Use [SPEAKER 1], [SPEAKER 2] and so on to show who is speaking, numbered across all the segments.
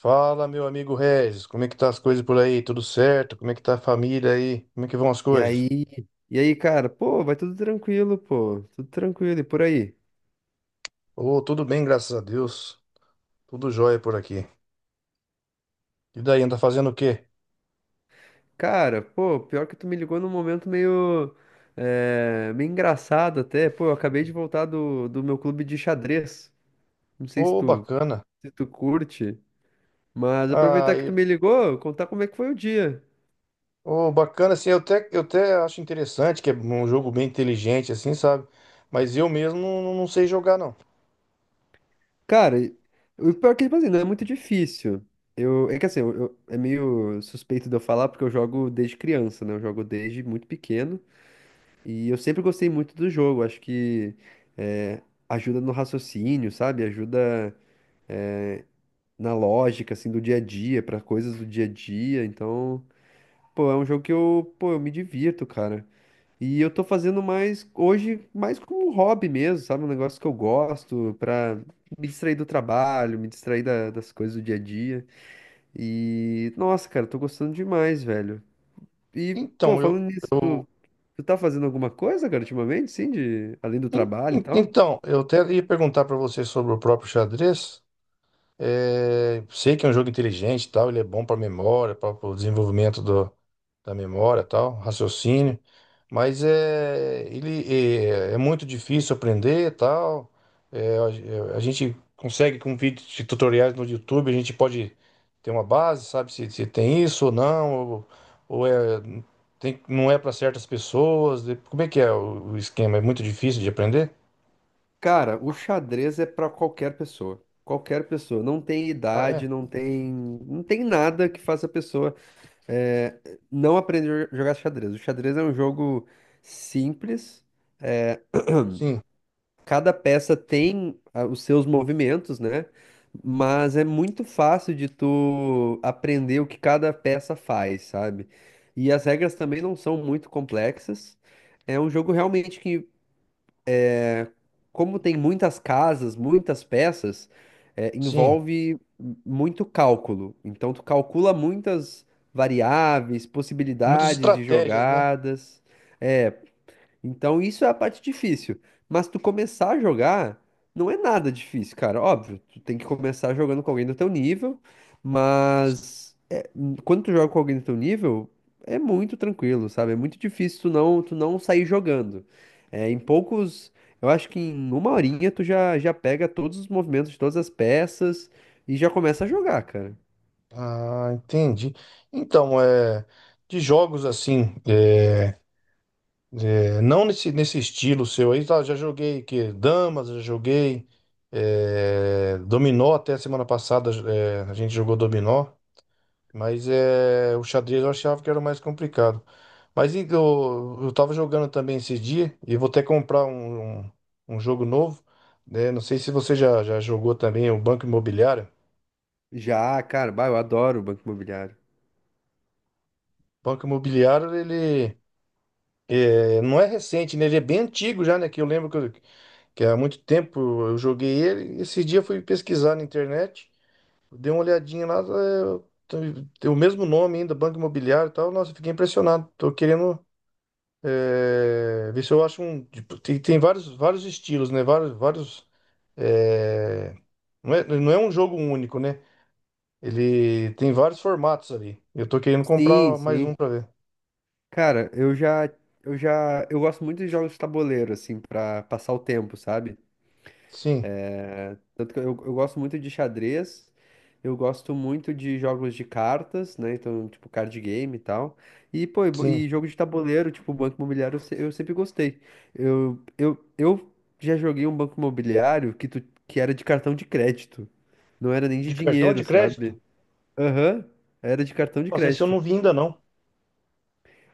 [SPEAKER 1] Fala, meu amigo Regis, como é que tá as coisas por aí? Tudo certo? Como é que tá a família aí? Como é que vão as
[SPEAKER 2] E
[SPEAKER 1] coisas?
[SPEAKER 2] aí, e aí, cara, pô, vai tudo tranquilo, pô, tudo tranquilo, e por aí?
[SPEAKER 1] Ô, tudo bem, graças a Deus. Tudo jóia por aqui. E daí, anda fazendo o quê?
[SPEAKER 2] Cara, pô, pior que tu me ligou num momento meio, meio engraçado até, pô, eu acabei de voltar do meu clube de xadrez, não sei se
[SPEAKER 1] Ô,
[SPEAKER 2] tu,
[SPEAKER 1] bacana.
[SPEAKER 2] se tu curte, mas
[SPEAKER 1] Ah,
[SPEAKER 2] aproveitar que tu
[SPEAKER 1] e-
[SPEAKER 2] me ligou, contar como é que foi o dia.
[SPEAKER 1] Ô, bacana, assim, eu até acho interessante que é um jogo bem inteligente, assim, sabe? Mas eu mesmo não sei jogar, não.
[SPEAKER 2] Cara, o pior é que, tipo assim, não é muito difícil, eu, é que assim, eu, é meio suspeito de eu falar porque eu jogo desde criança, né, eu jogo desde muito pequeno. E eu sempre gostei muito do jogo, acho que eh, ajuda no raciocínio, sabe? Ajuda na lógica, assim, do dia a dia, para coisas do dia a dia. Então, pô, é um jogo que eu, pô, eu me divirto, cara. E eu tô fazendo mais, hoje, mais como um hobby mesmo, sabe? Um negócio que eu gosto, pra me distrair do trabalho, me distrair das coisas do dia a dia. E, nossa, cara, tô gostando demais, velho. E, pô,
[SPEAKER 1] Então,
[SPEAKER 2] falando nisso,
[SPEAKER 1] eu,
[SPEAKER 2] tu tá fazendo alguma coisa, cara, ultimamente, sim, de, além do trabalho e tal?
[SPEAKER 1] eu até ia perguntar pra você sobre o próprio xadrez. É, sei que é um jogo inteligente e tal, ele é bom para memória, para o desenvolvimento da memória e tal, raciocínio, mas é muito difícil aprender e tal. É, a gente consegue com vídeos de tutoriais no YouTube, a gente pode ter uma base, se tem isso ou não, ou é, tem, não é para certas pessoas. Como é que é o esquema? É muito difícil de aprender?
[SPEAKER 2] Cara, o xadrez é pra qualquer pessoa. Qualquer pessoa. Não tem
[SPEAKER 1] Ah, é?
[SPEAKER 2] idade, não tem, não tem nada que faça a pessoa é, não aprender a jogar xadrez. O xadrez é um jogo simples.
[SPEAKER 1] Sim,
[SPEAKER 2] Cada peça tem ah, os seus movimentos, né? Mas é muito fácil de tu aprender o que cada peça faz, sabe? E as regras também não são muito complexas. É um jogo realmente que como tem muitas casas, muitas peças,
[SPEAKER 1] sim.
[SPEAKER 2] envolve muito cálculo. Então, tu calcula muitas variáveis,
[SPEAKER 1] Muitas
[SPEAKER 2] possibilidades de
[SPEAKER 1] estratégias, né?
[SPEAKER 2] jogadas. É, então isso é a parte difícil. Mas tu começar a jogar não é nada difícil, cara. Óbvio, tu tem que começar jogando com alguém do teu nível, mas é, quando tu joga com alguém do teu nível, é muito tranquilo, sabe? É muito difícil tu não sair jogando. É, em poucos, eu acho que em uma horinha tu já, já pega todos os movimentos de todas as peças e já começa a jogar, cara.
[SPEAKER 1] Ah, entendi. Então, é, de jogos assim, é, é, não nesse, nesse estilo seu aí, tá, já joguei que damas, já joguei é, dominó até semana passada, é, a gente jogou dominó, mas é, o xadrez eu achava que era o mais complicado. Mas eu tava jogando também esse dia e vou até comprar um jogo novo, né? Não sei se você já jogou também o Banco Imobiliário.
[SPEAKER 2] Já, cara, bah, eu adoro o Banco Imobiliário.
[SPEAKER 1] Banco Imobiliário, ele é, não é recente, né? Ele é bem antigo já, né? Que eu lembro que, eu- Que há muito tempo eu joguei ele. Esse dia eu fui pesquisar na internet, dei uma olhadinha lá, é, tem o mesmo nome ainda, Banco Imobiliário e tal. Nossa, eu fiquei impressionado. Tô querendo é, ver se eu acho um. Tipo, tem, tem vários estilos, né? Vários. É, não é um jogo único, né? Ele tem vários formatos ali. Eu tô querendo
[SPEAKER 2] Sim,
[SPEAKER 1] comprar mais
[SPEAKER 2] sim.
[SPEAKER 1] um pra ver.
[SPEAKER 2] Cara, eu já, eu gosto muito de jogos de tabuleiro, assim, pra passar o tempo, sabe?
[SPEAKER 1] Sim,
[SPEAKER 2] Tanto que eu gosto muito de xadrez, eu gosto muito de jogos de cartas, né? Então, tipo, card game e tal. E, pô,
[SPEAKER 1] sim.
[SPEAKER 2] e jogo de tabuleiro, tipo, Banco Imobiliário, eu, eu sempre gostei. Eu já joguei um Banco Imobiliário que, tu, que era de cartão de crédito. Não era nem de
[SPEAKER 1] De cartão de
[SPEAKER 2] dinheiro,
[SPEAKER 1] crédito?
[SPEAKER 2] sabe? Aham, era de cartão de
[SPEAKER 1] Nossa, esse eu
[SPEAKER 2] crédito.
[SPEAKER 1] não vi ainda não.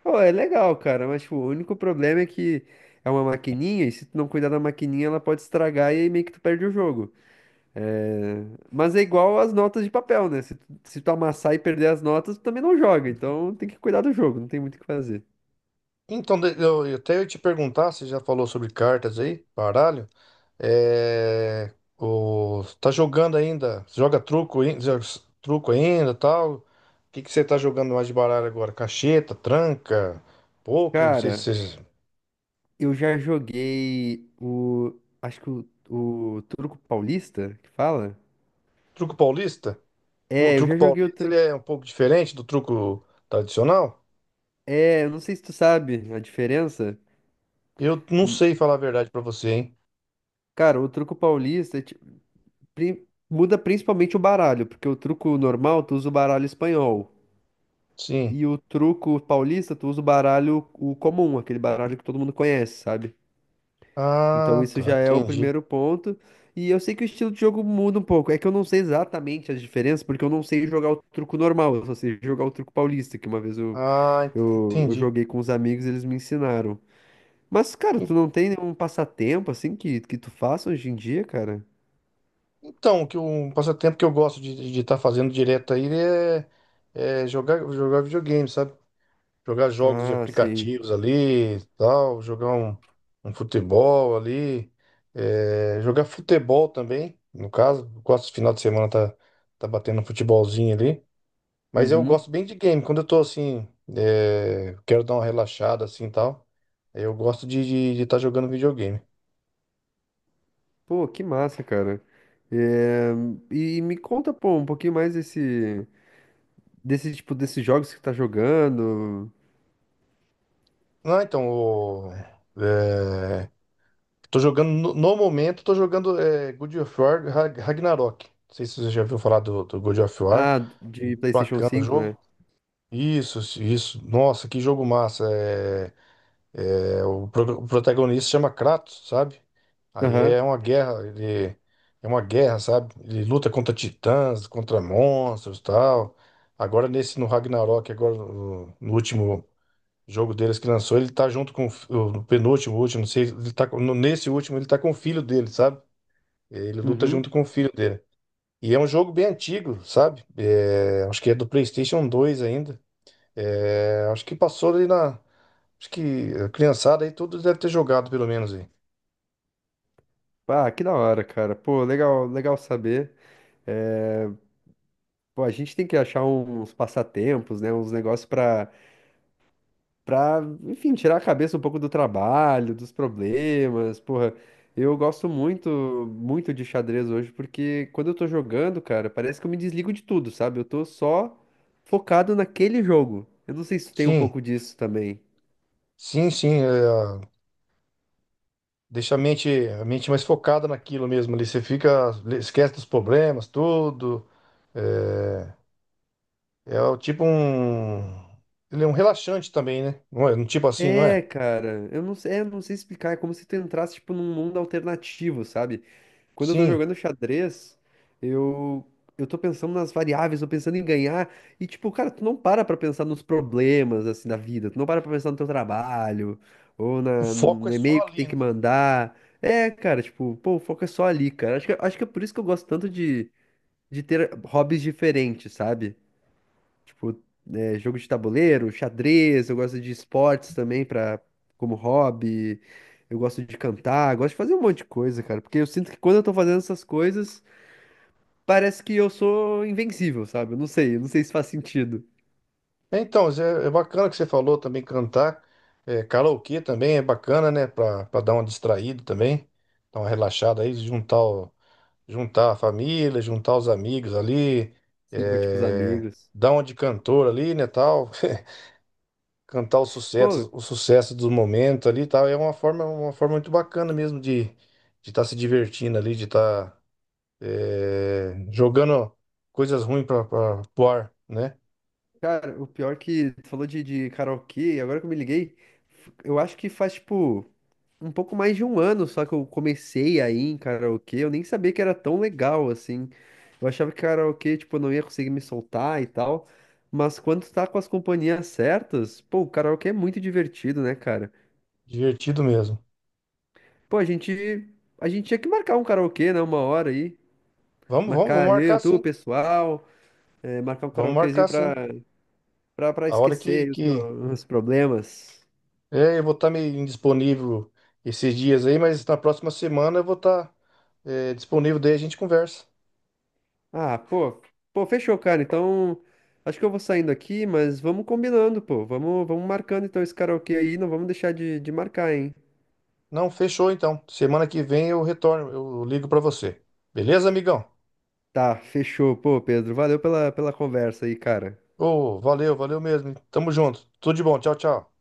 [SPEAKER 2] Pô, é legal, cara, mas tipo, o único problema é que é uma maquininha e se tu não cuidar da maquininha ela pode estragar e aí meio que tu perde o jogo. É, mas é igual as notas de papel, né? Se tu, se tu amassar e perder as notas, tu também não joga, então tem que cuidar do jogo, não tem muito o que fazer.
[SPEAKER 1] Então, eu até ia te perguntar, você já falou sobre cartas aí, baralho? É, o, tá jogando ainda? Você joga truco, truco ainda, tal? O que que você tá jogando mais de baralho agora? Cacheta, tranca, pôquer, não sei se
[SPEAKER 2] Cara,
[SPEAKER 1] você...
[SPEAKER 2] eu já joguei o. Acho que o truco Paulista, que fala?
[SPEAKER 1] Truco paulista? O
[SPEAKER 2] É, eu
[SPEAKER 1] truco
[SPEAKER 2] já joguei o
[SPEAKER 1] paulista, ele
[SPEAKER 2] truco.
[SPEAKER 1] é um pouco diferente do truco tradicional?
[SPEAKER 2] É, eu não sei se tu sabe a diferença.
[SPEAKER 1] Eu não
[SPEAKER 2] Hum,
[SPEAKER 1] sei falar a verdade pra você, hein?
[SPEAKER 2] Cara, o Truco Paulista é muda principalmente o baralho, porque o truco normal tu usa o baralho espanhol.
[SPEAKER 1] Sim.
[SPEAKER 2] E o truco paulista, tu usa o baralho o comum, aquele baralho que todo mundo conhece, sabe? Então
[SPEAKER 1] Ah,
[SPEAKER 2] isso
[SPEAKER 1] tá,
[SPEAKER 2] já é o
[SPEAKER 1] entendi.
[SPEAKER 2] primeiro ponto. E eu sei que o estilo de jogo muda um pouco. É que eu não sei exatamente as diferenças, porque eu não sei jogar o truco normal, eu só sei jogar o truco paulista, que uma vez eu,
[SPEAKER 1] Ah,
[SPEAKER 2] eu
[SPEAKER 1] entendi.
[SPEAKER 2] joguei com os amigos e eles me ensinaram. Mas, cara, tu não tem nenhum passatempo assim que tu faça hoje em dia, cara?
[SPEAKER 1] Então, que um passatempo que eu gosto de estar fazendo direto aí é, é jogar, jogar videogame, sabe? Jogar jogos de
[SPEAKER 2] Ah, sim.
[SPEAKER 1] aplicativos ali, e tal, jogar um futebol ali, é, jogar futebol também, no caso, gosto de final de semana tá batendo um futebolzinho ali, mas eu
[SPEAKER 2] Uhum.
[SPEAKER 1] gosto bem de game, quando eu tô assim, é, quero dar uma relaxada assim e tal, eu gosto de estar jogando videogame.
[SPEAKER 2] Pô, que massa, cara. É, e me conta, pô, um pouquinho mais desse, desse tipo, desses jogos que você tá jogando.
[SPEAKER 1] Ah, então, o, é, tô jogando, no momento, tô jogando é, God of War Ragnarok. Não sei se você já ouviu falar do God of War.
[SPEAKER 2] Ah, de PlayStation
[SPEAKER 1] Bacana o
[SPEAKER 2] cinco, né?
[SPEAKER 1] jogo. Isso, isso. Nossa, que jogo massa. É, é, o protagonista chama Kratos, sabe? Aí
[SPEAKER 2] Aham.
[SPEAKER 1] é uma guerra, ele é uma guerra, sabe? Ele luta contra titãs, contra monstros, tal. Agora nesse no Ragnarok, agora no último o jogo deles que lançou, ele tá junto com o fi- o penúltimo, último, não sei, ele tá, com- no- nesse último ele tá com o filho dele, sabe? Ele luta
[SPEAKER 2] Uhum.
[SPEAKER 1] junto com o filho dele. E é um jogo bem antigo, sabe? É, acho que é do PlayStation 2 ainda. É, acho que passou ali na. Acho que a criançada aí tudo deve ter jogado, pelo menos aí.
[SPEAKER 2] Ah, que da hora, cara. Pô, legal, legal saber. É, pô, a gente tem que achar uns passatempos, né? Uns negócios pra pra, enfim, tirar a cabeça um pouco do trabalho, dos problemas, porra. Eu gosto muito, muito de xadrez hoje, porque quando eu tô jogando, cara, parece que eu me desligo de tudo, sabe? Eu tô só focado naquele jogo. Eu não sei se tem um
[SPEAKER 1] Sim,
[SPEAKER 2] pouco disso também.
[SPEAKER 1] sim, sim. É, deixa a mente, a mente mais focada naquilo mesmo ali. Você fica, esquece dos problemas, tudo. É, é o tipo um. Ele é um relaxante também, né? Não é? Um tipo assim, não é?
[SPEAKER 2] É, cara, eu não sei, é, eu não sei explicar, é como se tu entrasse, tipo, num mundo alternativo, sabe? Quando eu tô
[SPEAKER 1] Sim.
[SPEAKER 2] jogando xadrez, eu, eu tô pensando nas variáveis, tô pensando em ganhar. E, tipo, cara, tu não para pra pensar nos problemas, assim, da vida. Tu não para pra pensar no teu trabalho, ou
[SPEAKER 1] O
[SPEAKER 2] na,
[SPEAKER 1] foco
[SPEAKER 2] no
[SPEAKER 1] é só
[SPEAKER 2] e-mail que tem
[SPEAKER 1] ali,
[SPEAKER 2] que
[SPEAKER 1] né?
[SPEAKER 2] mandar. É, cara, tipo, pô, o foco é só ali, cara. Acho que é por isso que eu gosto tanto de ter hobbies diferentes, sabe? Tipo, é, jogo de tabuleiro, xadrez, eu gosto de esportes também pra, como hobby. Eu gosto de cantar, gosto de fazer um monte de coisa, cara. Porque eu sinto que quando eu tô fazendo essas coisas, parece que eu sou invencível, sabe? Eu não sei se faz sentido.
[SPEAKER 1] É, então, Zé, é bacana que você falou também cantar. É, karaokê também é bacana, né? Pra dar uma distraída também. Dar uma relaxada aí, juntar a família, juntar os amigos ali.
[SPEAKER 2] Sim, curtir com os
[SPEAKER 1] É,
[SPEAKER 2] amigos.
[SPEAKER 1] dar uma de cantor ali, né? Tal. Cantar
[SPEAKER 2] Pô,
[SPEAKER 1] os sucessos do momento ali e tal. É uma forma muito bacana mesmo de estar de tá se divertindo ali, de estar é, jogando coisas ruins para o ar, né?
[SPEAKER 2] cara, o pior que tu falou de karaokê, agora que eu me liguei, eu acho que faz, tipo, um pouco mais de um ano só que eu comecei aí em karaokê, eu nem sabia que era tão legal assim. Eu achava que karaokê, tipo, eu não ia conseguir me soltar e tal. Mas quando tu tá com as companhias certas, pô, o karaokê é muito divertido, né, cara?
[SPEAKER 1] Divertido mesmo.
[SPEAKER 2] Pô, a gente tinha que marcar um karaokê, né, uma hora aí.
[SPEAKER 1] Vamos
[SPEAKER 2] Marcar eu,
[SPEAKER 1] marcar
[SPEAKER 2] tu, o
[SPEAKER 1] sim.
[SPEAKER 2] pessoal, marcar um
[SPEAKER 1] Vamos
[SPEAKER 2] karaokezinho
[SPEAKER 1] marcar
[SPEAKER 2] pra,
[SPEAKER 1] sim.
[SPEAKER 2] pra, pra
[SPEAKER 1] A hora
[SPEAKER 2] esquecer os,
[SPEAKER 1] que...
[SPEAKER 2] os problemas.
[SPEAKER 1] É, eu vou estar meio indisponível esses dias aí, mas na próxima semana eu vou estar disponível, daí a gente conversa.
[SPEAKER 2] Ah, pô, pô, fechou, cara. Então, acho que eu vou saindo aqui, mas vamos combinando, pô. Vamos, vamos marcando então esse karaokê aí, não vamos deixar de marcar, hein?
[SPEAKER 1] Não, fechou então. Semana que vem eu retorno, eu ligo para você. Beleza, amigão?
[SPEAKER 2] Tá, fechou, pô, Pedro. Valeu pela, pela conversa aí, cara.
[SPEAKER 1] Ô, valeu, valeu mesmo. Tamo junto. Tudo de bom. Tchau, tchau.